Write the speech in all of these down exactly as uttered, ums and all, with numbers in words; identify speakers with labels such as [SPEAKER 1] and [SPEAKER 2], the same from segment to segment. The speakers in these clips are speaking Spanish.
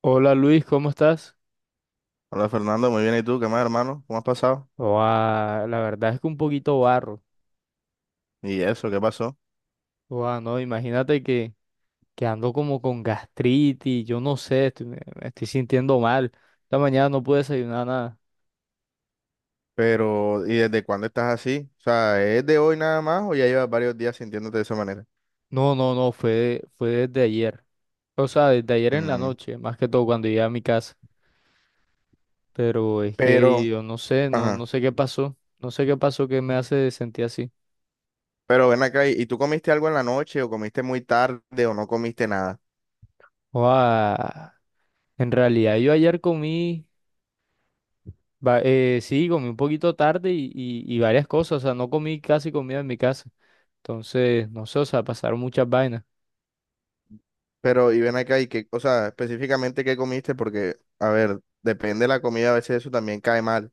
[SPEAKER 1] Hola Luis, ¿cómo estás?
[SPEAKER 2] Hola Fernando, muy bien. ¿Y tú? ¿Qué más, hermano? ¿Cómo has pasado?
[SPEAKER 1] Oa, la verdad es que un poquito barro.
[SPEAKER 2] ¿Y eso? ¿Qué pasó?
[SPEAKER 1] Oa, no, imagínate que, que ando como con gastritis, yo no sé, estoy- me, me estoy sintiendo mal. Esta mañana no pude desayunar nada.
[SPEAKER 2] Pero, ¿y desde cuándo estás así? O sea, ¿es de hoy nada más o ya llevas varios días sintiéndote de esa manera?
[SPEAKER 1] No, no, no, fue, fue desde ayer. O sea, desde ayer en la
[SPEAKER 2] Mm.
[SPEAKER 1] noche, más que todo cuando llegué a mi casa. Pero es que
[SPEAKER 2] Pero,
[SPEAKER 1] yo no sé, no,
[SPEAKER 2] ajá.
[SPEAKER 1] no sé qué pasó. No sé qué pasó que me hace sentir así.
[SPEAKER 2] Pero ven acá, ¿y y tú comiste algo en la noche o comiste muy tarde o no comiste nada?
[SPEAKER 1] Oa, en realidad yo ayer comí. Va- eh, sí, comí un poquito tarde y, y, y varias cosas, o sea, no comí casi comida en mi casa. Entonces, no sé, o sea, pasaron muchas vainas.
[SPEAKER 2] Pero, y ven acá, ¿y qué, o sea, específicamente qué comiste? Porque, a ver, depende de la comida, a veces eso también cae mal.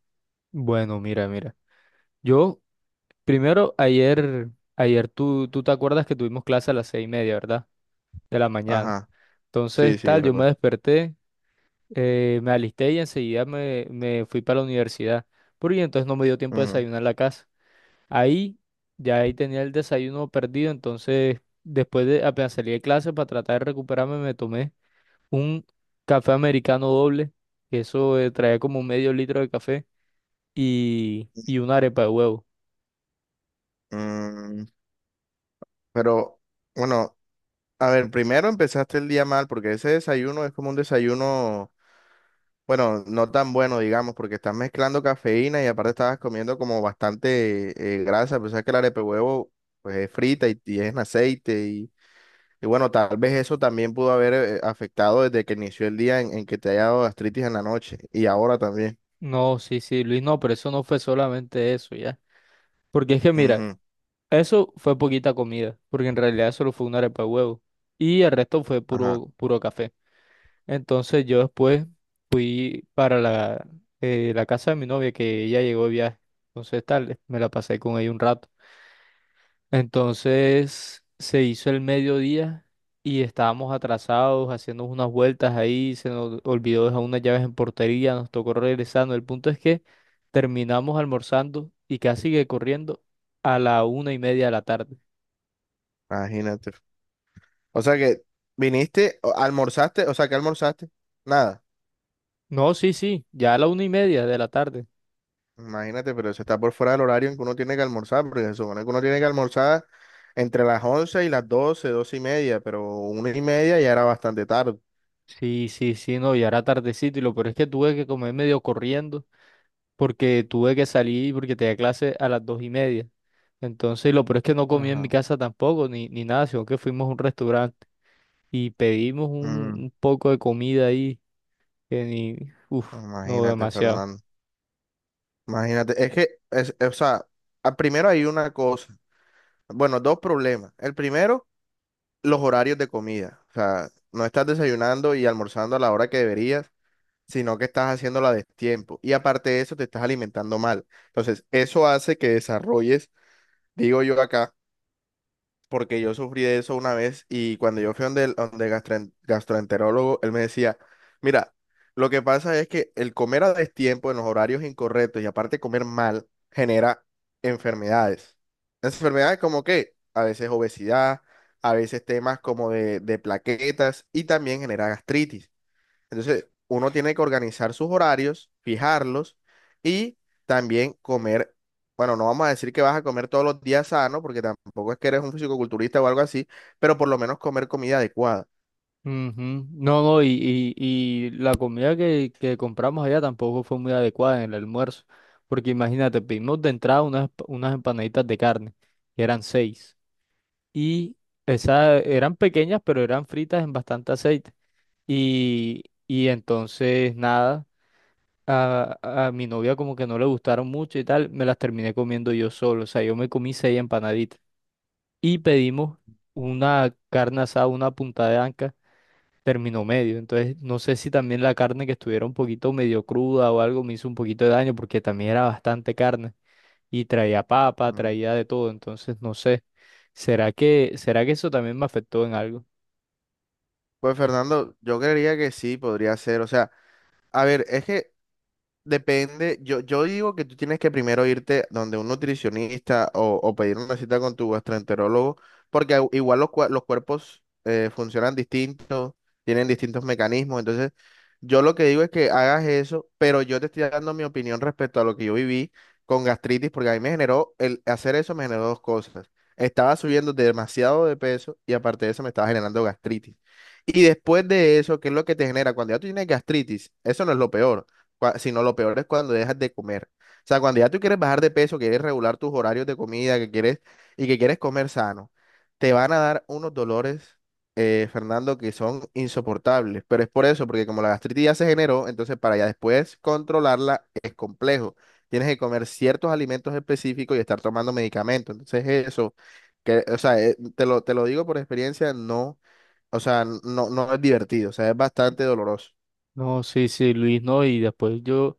[SPEAKER 1] Bueno, mira, mira. Yo, primero, ayer, ayer tú, tú te acuerdas que tuvimos clase a las seis y media, ¿verdad? De la mañana.
[SPEAKER 2] Ajá. Sí,
[SPEAKER 1] Entonces,
[SPEAKER 2] sí, yo
[SPEAKER 1] tal, yo me
[SPEAKER 2] recuerdo.
[SPEAKER 1] desperté, eh, me alisté y enseguida me, me fui para la universidad. Porque entonces no me dio tiempo de
[SPEAKER 2] Ujú.
[SPEAKER 1] desayunar en la casa. Ahí, ya ahí tenía el desayuno perdido, entonces, después de, apenas salí de clase para tratar de recuperarme, me tomé un café americano doble, que eso eh, trae como medio litro de café, y, y una arepa de huevo.
[SPEAKER 2] Mm. Pero, bueno. A ver, primero empezaste el día mal porque ese desayuno es como un desayuno, bueno, no tan bueno, digamos, porque estás mezclando cafeína y aparte estabas comiendo como bastante eh, grasa, pues sabes que el arepe huevo pues es frita y, y es en aceite y, y bueno, tal vez eso también pudo haber eh, afectado desde que inició el día en, en que te haya dado gastritis en la noche y ahora también.
[SPEAKER 1] No, sí, sí, Luis, no, pero eso no fue solamente eso, ya. Porque es que mira,
[SPEAKER 2] Ujú.
[SPEAKER 1] eso fue poquita comida, porque en realidad solo fue una arepa de huevo, y el resto fue
[SPEAKER 2] Ajá,
[SPEAKER 1] puro, puro café. Entonces yo después fui para la, eh, la casa de mi novia, que ella llegó de viaje. Entonces tal, me la pasé con ella un rato. Entonces se hizo el mediodía y estábamos atrasados, haciendo unas vueltas ahí, se nos olvidó dejar unas llaves en portería, nos tocó regresando. El punto es que terminamos almorzando y casi que corriendo a la una y media de la tarde.
[SPEAKER 2] imagínate. O sea que viniste, o- almorzaste, o sea que almorzaste, nada.
[SPEAKER 1] No, sí, sí, ya a la una y media de la tarde.
[SPEAKER 2] Imagínate, pero eso está por fuera del horario en que uno tiene que almorzar, porque se supone que uno tiene que almorzar entre las once y las doce 12 y media, pero una y media ya era bastante tarde.
[SPEAKER 1] Sí, sí, sí, no, ya era tardecito y lo peor es que tuve que comer medio corriendo porque tuve que salir porque tenía clase a las dos y media. Entonces, lo peor es que no comí en mi
[SPEAKER 2] Ajá.
[SPEAKER 1] casa tampoco, ni, ni nada, sino que fuimos a un restaurante y pedimos un,
[SPEAKER 2] Mm,
[SPEAKER 1] un poco de comida ahí, que ni, uff, no,
[SPEAKER 2] imagínate,
[SPEAKER 1] demasiado.
[SPEAKER 2] Fernando. Imagínate, es que, es, o sea, a- primero hay una cosa, bueno, dos problemas. El primero, los horarios de comida. O sea, no estás desayunando y almorzando a la hora que deberías, sino que estás haciéndola de tiempo. Y aparte de eso, te estás alimentando mal. Entonces, eso hace que desarrolles, digo yo acá, porque yo sufrí de eso una vez y cuando yo fui donde el, donde el gastroen- gastroenterólogo, él me decía, mira, lo que pasa es que el comer a destiempo en los horarios incorrectos y aparte comer mal genera enfermedades. Enfermedades como que a veces obesidad, a veces temas como de, de plaquetas y también genera gastritis. Entonces, uno tiene que organizar sus horarios, fijarlos y también comer. Bueno, no vamos a decir que vas a comer todos los días sano, porque tampoco es que eres un fisicoculturista o algo así, pero por lo menos comer comida adecuada.
[SPEAKER 1] Ujú. No, no, y, y, y la comida que, que compramos allá tampoco fue muy adecuada en el almuerzo, porque imagínate, pedimos de entrada unas, unas empanaditas de carne, que eran seis, y esas eran pequeñas, pero eran fritas en bastante aceite, y, y entonces nada, a, a mi novia como que no le gustaron mucho y tal, me las terminé comiendo yo solo, o sea, yo me comí seis empanaditas y pedimos una carne asada, una punta de anca, término medio. Entonces, no sé si también la carne que estuviera un poquito medio cruda o algo me hizo un poquito de daño porque también era bastante carne y traía papa,
[SPEAKER 2] Mm.
[SPEAKER 1] traía de todo. Entonces, no sé. ¿Será que, será que eso también me afectó en algo?
[SPEAKER 2] Pues Fernando, yo creería que sí podría ser. O sea, a ver, es que depende, yo, yo digo que tú tienes que primero irte donde un nutricionista o, o pedir una cita con tu gastroenterólogo, porque au- igual los, cua- los cuerpos eh, funcionan distintos, tienen distintos mecanismos, entonces yo lo que digo es que hagas eso, pero yo te estoy dando mi opinión respecto a lo que yo viví con gastritis, porque a mí me generó, el hacer eso me generó dos cosas, estaba subiendo demasiado de peso y aparte de eso me estaba generando gastritis. Y después de eso, ¿qué es lo que te genera? Cuando ya tú tienes gastritis, eso no es lo peor cua- sino lo peor es cuando dejas de comer. O sea, cuando ya tú quieres bajar de peso, quieres regular tus horarios de comida, que quieres y que quieres comer sano, te van a dar unos dolores, eh, Fernando, que son insoportables. Pero es por eso, porque como la gastritis ya se generó, entonces para ya después controlarla es complejo. Tienes que comer ciertos alimentos específicos y estar tomando medicamentos. Entonces eso, que, o sea, eh, te lo, te lo digo por experiencia, no, o sea, no, no es divertido, o sea, es bastante doloroso.
[SPEAKER 1] No, sí, sí, Luis, no. Y después yo,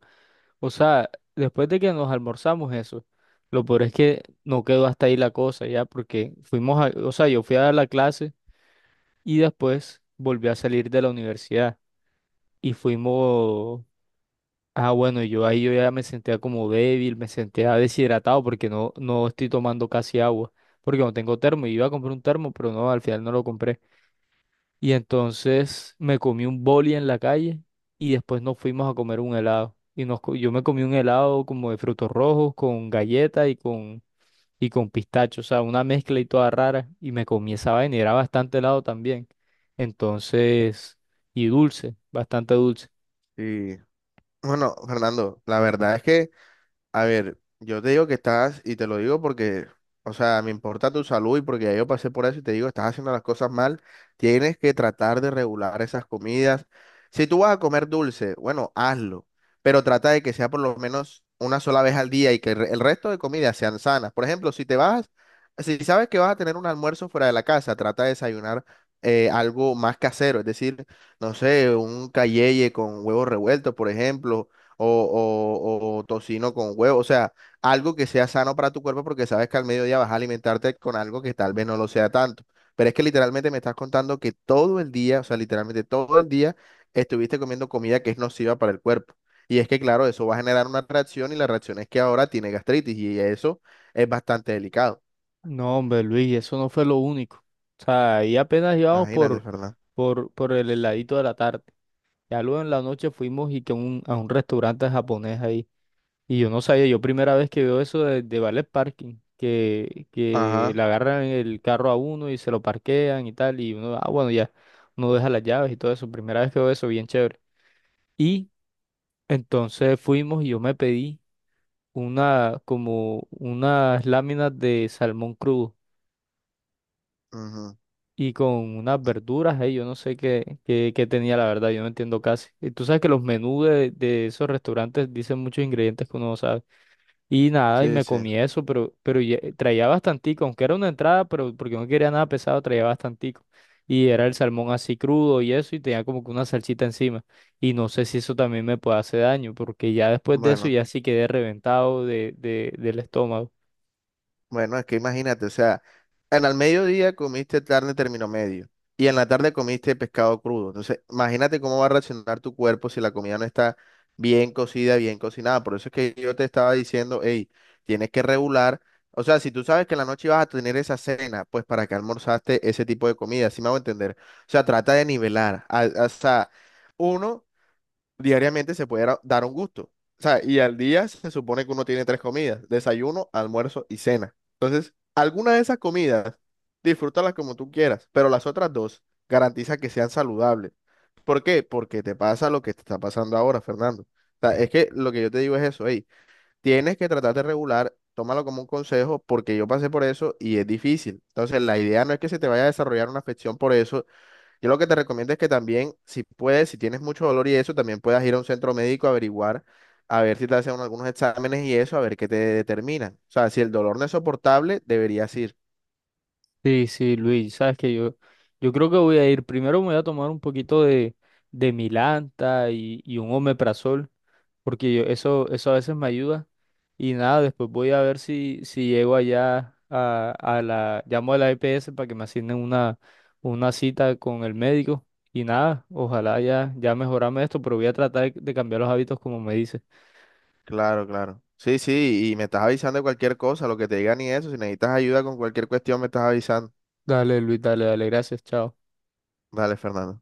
[SPEAKER 1] o sea, después de que nos almorzamos eso, lo peor es que no quedó hasta ahí la cosa ya, porque fuimos a, o sea, yo fui a dar la clase y después volví a salir de la universidad y fuimos, ah, bueno, yo ahí yo ya me sentía como débil, me sentía deshidratado porque no, no estoy tomando casi agua, porque no tengo termo, iba a comprar un termo, pero no, al final no lo compré. Y entonces me comí un boli en la calle y después nos fuimos a comer un helado. Y nos, co- yo me comí un helado como de frutos rojos con galleta y con, y con pistacho, o sea, una mezcla y toda rara. Y me comí esa vaina y era bastante helado también. Entonces, y dulce, bastante dulce.
[SPEAKER 2] Sí. Bueno, Fernando, la verdad es que, a ver, yo te digo que estás, y te lo digo porque, o sea, me importa tu salud y porque ya yo pasé por eso y te digo, estás haciendo las cosas mal, tienes que tratar de regular esas comidas. Si tú vas a comer dulce, bueno, hazlo, pero trata de que sea por lo menos una sola vez al día y que el re- el resto de comidas sean sanas. Por ejemplo, si te vas, si sabes que vas a tener un almuerzo fuera de la casa, trata de desayunar eh, algo más casero, es decir, no sé, un calleye con huevos revueltos, por ejemplo o, o- o tocino con huevo, o sea, algo que sea sano para tu cuerpo porque sabes que al mediodía vas a alimentarte con algo que tal vez no lo sea tanto. Pero es que literalmente me estás contando que todo el día, o sea, literalmente todo el día estuviste comiendo comida que es nociva para el cuerpo. Y es que, claro, eso va a generar una reacción y la reacción es que ahora tiene gastritis y eso es bastante delicado.
[SPEAKER 1] No, hombre, Luis, eso no fue lo único. O sea, ahí apenas íbamos
[SPEAKER 2] Imagínate,
[SPEAKER 1] por,
[SPEAKER 2] Fernando.
[SPEAKER 1] por, por el heladito de la tarde. Ya luego en la noche fuimos y que un- a un restaurante japonés ahí. Y yo no sabía, yo primera vez que veo eso de, de valet parking, que, que
[SPEAKER 2] Ajá.
[SPEAKER 1] le agarran el carro a uno y se lo parquean y tal. Y uno, ah, bueno, ya, uno deja las llaves y todo eso. Primera vez que veo eso, bien chévere. Y entonces fuimos y yo me pedí una, como unas láminas de salmón crudo
[SPEAKER 2] Ujú.
[SPEAKER 1] y con unas verduras ahí, yo no sé qué, qué, qué tenía la verdad, yo no entiendo casi. Y tú sabes que los menús de, de esos restaurantes dicen muchos ingredientes que uno no sabe. Y nada, y
[SPEAKER 2] Sí,
[SPEAKER 1] me
[SPEAKER 2] sí.
[SPEAKER 1] comí eso, pero, pero ya- eh, traía bastantico, aunque era una entrada, pero porque no quería nada pesado, traía bastantico. Y era el salmón así crudo y eso, y tenía como que una salsita encima. Y no sé si eso también me puede hacer daño, porque ya después de eso
[SPEAKER 2] Bueno.
[SPEAKER 1] ya sí quedé reventado de, de, del estómago.
[SPEAKER 2] Bueno, es que imagínate, o sea, en el mediodía comiste carne término medio y en la tarde comiste pescado crudo. Entonces, imagínate cómo va a reaccionar tu cuerpo si la comida no está bien cocida, bien cocinada. Por eso es que yo te estaba diciendo, hey, tienes que regular. O sea, si tú sabes que en la noche vas a tener esa cena, pues para qué almorzaste ese tipo de comida, sí me hago entender. O sea, trata de nivelar. a- a- o sea, uno diariamente se puede dar dar un gusto. O sea, y al día se supone que uno tiene tres comidas, desayuno, almuerzo y cena. Entonces, alguna de esas comidas, disfrútalas como tú quieras, pero las otras dos garantiza que sean saludables. ¿Por qué? Porque te pasa lo que te está pasando ahora, Fernando. O sea, es que lo que yo te digo es eso, hey, tienes que tratar de regular, tómalo como un consejo, porque yo pasé por eso y es difícil. Entonces, la idea no es que se te vaya a desarrollar una afección por eso, yo lo que te recomiendo es que también, si puedes, si tienes mucho dolor y eso, también puedas ir a un centro médico a averiguar, a ver si te hacen algunos exámenes y eso, a ver qué te determinan. O sea, si el dolor no es soportable, deberías ir.
[SPEAKER 1] Sí, sí, Luis, sabes que yo, yo creo que voy a ir, primero me voy a tomar un poquito de, de Milanta y, y un omeprazol, porque yo- eso, eso a veces me ayuda. Y nada, después voy a ver si, si llego allá a, a la, llamo a la E P S para que me asignen una, una cita con el médico. Y nada, ojalá ya, ya mejorarme esto, pero voy a tratar de cambiar los hábitos como me dice.
[SPEAKER 2] Claro, claro. Sí, sí, y me estás avisando de cualquier cosa, lo que te digan y eso. Si necesitas ayuda con cualquier cuestión, me estás avisando.
[SPEAKER 1] Dale, Luis, dale, dale, gracias, chao.
[SPEAKER 2] Dale, Fernando.